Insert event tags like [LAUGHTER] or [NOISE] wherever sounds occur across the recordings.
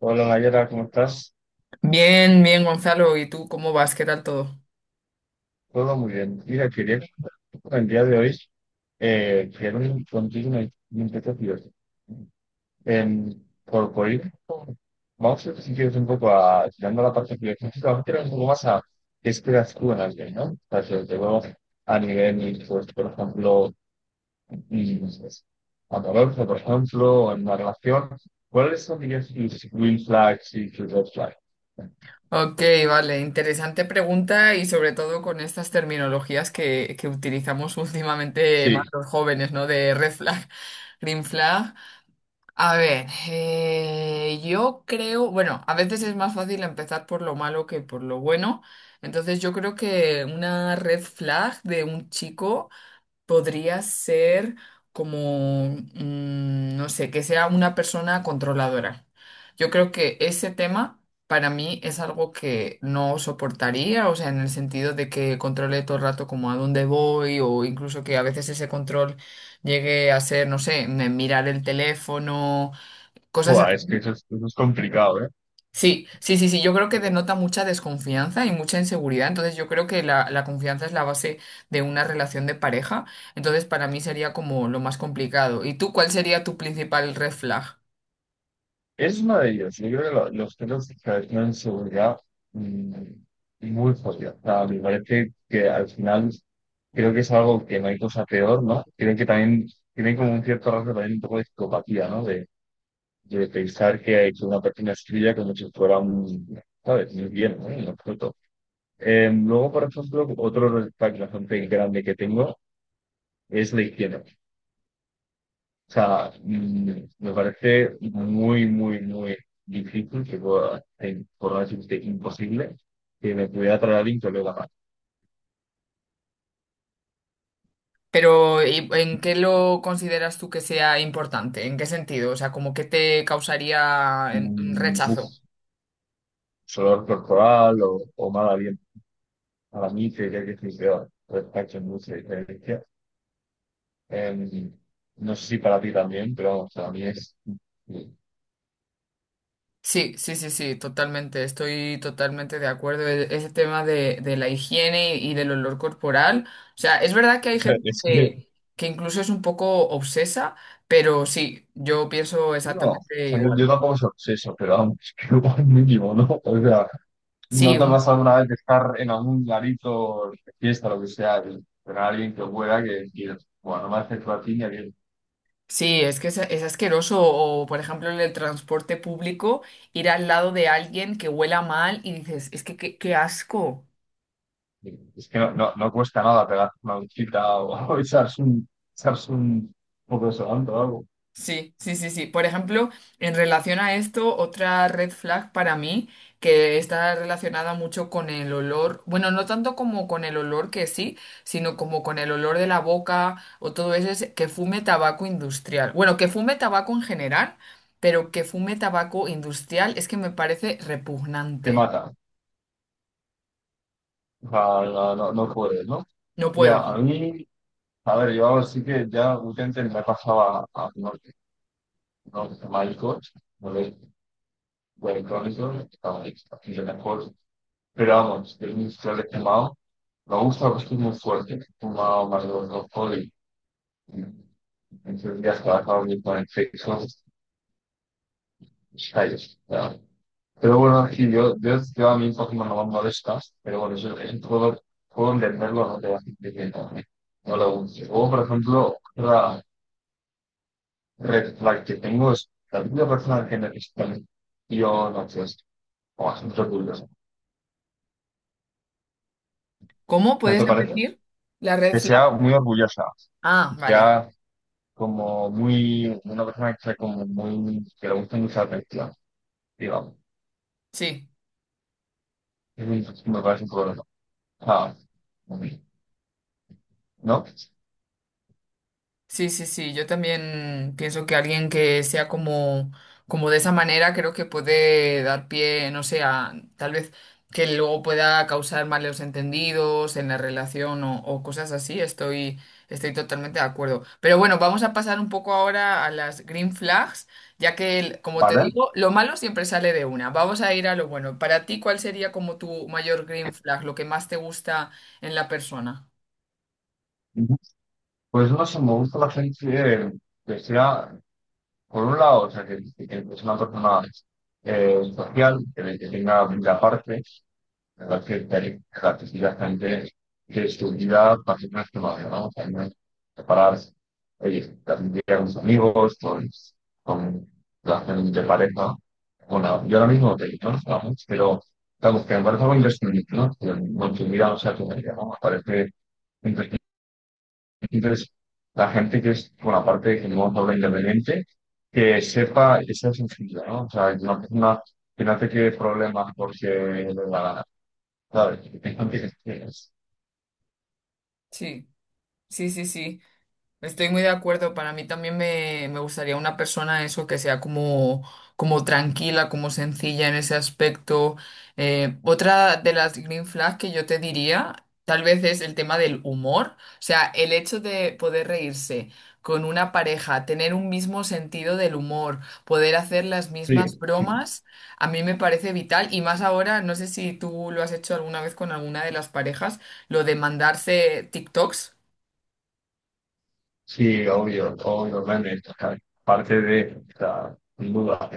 Hola Mayra, ¿cómo estás? Bien, bien, Gonzalo. ¿Y tú cómo vas? ¿Qué tal todo? Todo muy bien. Mira, quería con el día de hoy quiero un- contigo una limpieza. En, por ir, vamos a ver si quieres un poco a tirando la parte filosófica, vamos a tirar un poco más a qué esperas tú en alguien, ¿no? O sea, sobre todo a nivel, pues, por ejemplo, mm, amoroso, por ejemplo, o en una relación, ¿cuáles son, dirías, tus green flags y tus red flags? Ok, vale. Interesante pregunta y sobre todo con estas terminologías que utilizamos [LAUGHS] últimamente más Sí. los jóvenes, ¿no? De red flag, green flag. A ver, yo creo, bueno, a veces es más fácil empezar por lo malo que por lo bueno. Entonces yo creo que una red flag de un chico podría ser como, no sé, que sea una persona controladora. Yo creo que ese tema para mí es algo que no soportaría, o sea, en el sentido de que controle todo el rato como a dónde voy o incluso que a veces ese control llegue a ser, no sé, mirar el teléfono, cosas Buah, es que así. Eso es complicado, Sí, sí, sí, sí, yo creo que ¿eh? denota mucha desconfianza y mucha inseguridad, entonces yo creo que la confianza es la base de una relación de pareja, entonces para mí sería como lo más complicado. ¿Y tú cuál sería tu principal red flag? Es uno de ellos. Yo creo que lo- los pelos que tienen seguridad, mm, muy fuerte. O sea, me parece que al final creo que es algo que no hay cosa peor, ¿no? Creo que también tienen como un cierto rasgo también un poco de psicopatía, ¿no? De pensar que una persona es tuya como si fuera un, ¿sabes? Muy bien, ¿no? En absoluto. Luego, por ejemplo, otro respecto bastante grande que tengo es la izquierda. O sea, me parece muy, muy, muy difícil que pueda, por no decirte imposible, que me pudiera traer alguien que olora mal. Pero ¿en qué lo consideras tú que sea importante? ¿En qué sentido? O sea, como que te causaría mm, rechazo. uf, Sudor corporal o mal aliento. Para mí sería que estoy peor. Respecto a mucha diferencia. Em, no sé si para ti también, pero vamos, para mí es... Sí, sí, sí, sí, totalmente. Estoy totalmente de acuerdo. Ese tema de la higiene y del olor corporal. O sea, es verdad que O hay sea, gente es que- que incluso es un poco obsesa, pero sí, yo pienso no, o exactamente sea, yo, igual. yo tampoco soy obseso, pero vamos, [LAUGHS] que igual mínimo, ¿no? O sea, ¿no Sí, te ha un- pasado alguna vez de estar en algún garito, fiesta, lo que sea, y tener a alguien que huela que digas, bueno, no me acerco a ti ni a ti"? sí, es que es asqueroso. O, por ejemplo, en el transporte público, ir al lado de alguien que huela mal y dices, es que qué asco. Es que no no cuesta nada pegar una duchita o, [LAUGHS] o echarse un poco de solante o algo. Sí, sí, sí, sí. Por ejemplo, en relación a esto, otra red flag para mí que está relacionada mucho con el olor, bueno, no tanto como con el olor que sí, sino como con el olor de la boca o todo eso, es que fume tabaco industrial. Bueno, que fume tabaco en general, pero que fume tabaco industrial es que me parece Te repugnante. mata. O sea, no puedes, ¿no? No Ya, puedo. a mí, a ver, yo sí que ya últimamente me pasaba a norte, ¿no? Malcos, no los electrónicos, estaba ahí, bastante mejor. Pero vamos, tengo un historial. Me gusta porque es muy fuerte, como más de dos alcohol y en tres días trabajaba mucho con efectos callos. Pero bueno, sí, yo a mí Pokémon no me molesta, pero bueno, yo puedo entenderlo, no te voy a decir que no, no lo guste. O, por ejemplo, otra red flag que tengo es la típica persona que necesita y yo no sé, o bastante orgullosa. ¿Cómo? ¿No ¿Puedes te parece? repetir la red Que sea flag? muy orgullosa, Ah, que vale. sea como muy, una persona que sea como muy, que le guste mucha atención, digamos. Sí. Eso es- me parece un problema. Ah, ¿no? Sí, sí, sí, yo también pienso que alguien que sea como, como de esa manera creo que puede dar pie, no sé, a tal vez que luego pueda causar malos entendidos en la relación o cosas así, estoy, estoy totalmente de acuerdo. Pero bueno, vamos a pasar un poco ahora a las green flags, ya que, como te ¿Vale? digo, lo malo siempre sale de una. Vamos a ir a lo bueno. Para ti, ¿cuál sería como tu mayor green flag, lo que más te gusta en la persona? Ujú. Pues no sé, me gusta la gente que sea, por un lado, o sea, que es una persona social, que tenga vida aparte, la gente que estudia páginas que vale, ¿no? También separarse. Oye, también con sus amigos, con la gente de pareja. Bueno, yo ahora mismo te digo, no estamos, pero estamos que me parece algo imprescindible, ¿no? Que consumir o sea tu media, ¿no? Me parece imprescindible. Entonces, la gente que es, bueno, aparte de que no habla independiente, que sepa esa sensibilidad, ¿no? O sea, una persona que no te quede problemas porque la, sabes tengo que es- Sí, sí, sí, sí. Estoy muy de acuerdo. Para mí también me gustaría una persona eso que sea como, como tranquila, como sencilla en ese aspecto. Otra de las green flags que yo te diría, tal vez es el tema del humor. O sea, el hecho de poder reírse con una pareja, tener un mismo sentido del humor, poder hacer las sí, mismas sí, bromas, a mí me parece vital. Y más ahora, no sé si tú lo has hecho alguna vez con alguna de las parejas, lo de mandarse TikToks. sí, obvio, obviamente, claro, parte de, la sin duda,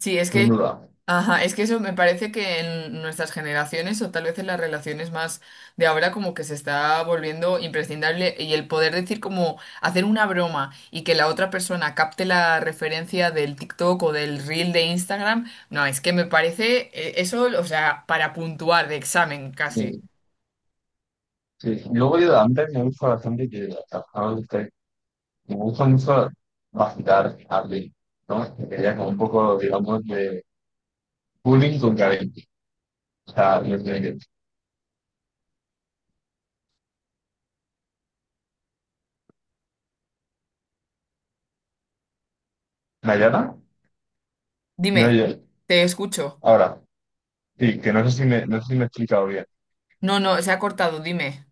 Sí, es sin que duda. ajá, es que eso me parece que en nuestras generaciones o tal vez en las relaciones más de ahora como que se está volviendo imprescindible y el poder decir como hacer una broma y que la otra persona capte la referencia del TikTok o del reel de Instagram, no, es que me parece eso, o sea, para puntuar de examen casi. Sí, sí. Luego yo antes me gusta bastante que trabajaba usted, me gusta mucho vacilar a alguien, ¿no? Que quería como un poco, digamos, de bullying con cariño. O sea, desde- ¿Nayara? ¿Me Dime, oye? te escucho. Ahora, sí, que no sé si me, no sé si me he explicado bien. No, no, se ha cortado, dime.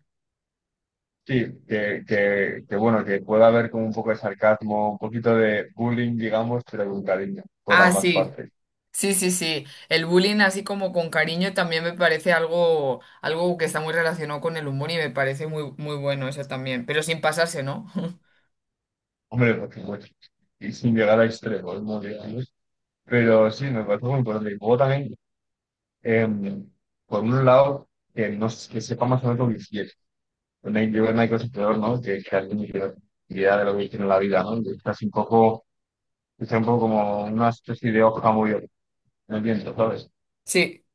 Sí, que, que bueno, que pueda haber como un poco de sarcasmo, un poquito de bullying, digamos, pero con cariño, por Ah, ambas sí. partes. Sí, sí, sí. El bullying así como con cariño también me parece algo, algo que está muy relacionado con el humor y me parece muy, muy bueno eso también, pero sin pasarse, ¿no? [LAUGHS] Hombre, por supuesto. Y sin llegar a extremos, ¿no? Digamos. Pero sí, me parece muy importante. Y luego también, em, por un lado, que, no, s- que sepa más o menos lo que quiere. Bueno, yo creo que no hay cosa peor, ¿no? Que alguien tiene idea de lo que quiere en la vida, ¿no? Que es casi un poco, que sea un poco como una especie de hoja muy no entiendo, ¿sabes? Sí,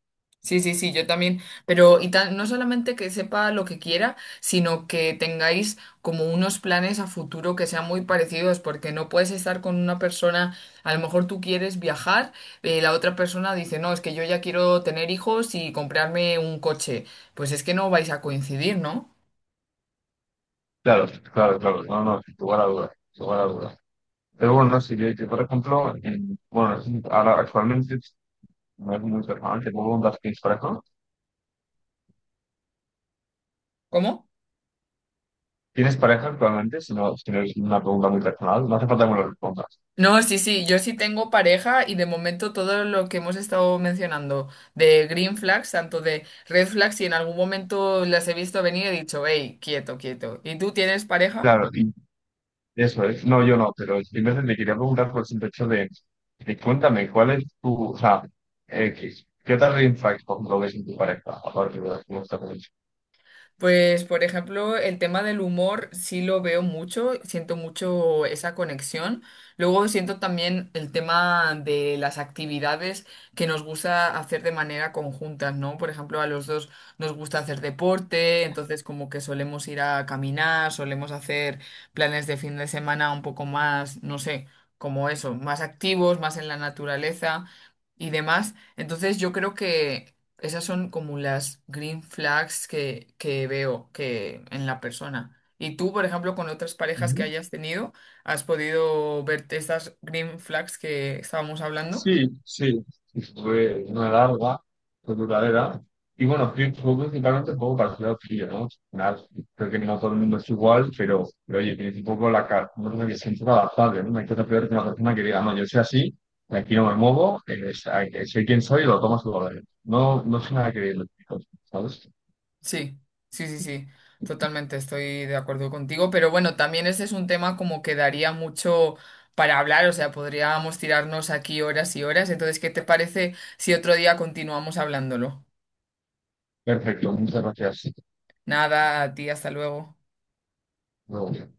sí, sí, sí, yo también. Pero no solamente que sepa lo que quiera, sino que tengáis como unos planes a futuro que sean muy parecidos, porque no puedes estar con una persona, a lo mejor tú quieres viajar, la otra persona dice, no, es que yo ya quiero tener hijos y comprarme un coche. Pues es que no vais a coincidir, ¿no? Claro, claro, claro. No, no, sin lugar a dudas, sin lugar a dudas. Pero bueno, sí yo por ejemplo, en- bueno, es un- ahora actualmente no es muy personal, te puedo preguntar si tienes pareja. ¿Cómo? ¿Tienes pareja actualmente? Si no, si no es una pregunta muy personal, no hace falta que me lo respondas. No, sí, sí, yo sí tengo pareja y de momento todo lo que hemos estado mencionando de green flags, tanto de red flags, y en algún momento las he visto venir, y he dicho, hey, quieto, quieto. ¿Y tú tienes pareja? Claro, y eso es. No, yo no, pero simplemente me quería preguntar por el simple hecho de cuéntame, ¿cuál es tu, o sea, qué, qué tal red flags, por ejemplo, ves en tu pareja, aparte de las que me estás diciendo? Pues, por ejemplo, el tema del humor sí lo veo mucho, siento mucho esa conexión. Luego siento también el tema de las actividades que nos gusta hacer de manera conjunta, ¿no? Por ejemplo, a los dos nos gusta hacer deporte, entonces como que solemos ir a caminar, solemos hacer planes de fin de semana un poco más, no sé, como eso, más activos, más en la naturaleza y demás. Entonces yo creo que esas son como las green flags que veo que en la persona. Y tú, por ejemplo, con otras parejas que hayas tenido, ¿has podido ver estas green flags que estábamos hablando? Sí, sí, sí, fue una larga, fue duradera. Y bueno, pri- fue principalmente un poco para ciudad lado frío, ¿no? Nada, creo que no todo el mundo es igual, pero oye, tienes un poco la cara, no sé, que se un poco adaptable, ¿no? No hay cosa peor que una persona que diga, no, yo soy así, aquí no me muevo, soy quien soy y lo tomas a su no, no soy nada que ver, ¿sabes? Sí, sí, sí, sí. Totalmente estoy de acuerdo contigo. Pero bueno, también este es un tema como que daría mucho para hablar. O sea, podríamos tirarnos aquí horas y horas. Entonces, ¿qué te parece si otro día continuamos hablándolo? Perfecto, muchas gracias. Nada, a ti, hasta luego. Luego.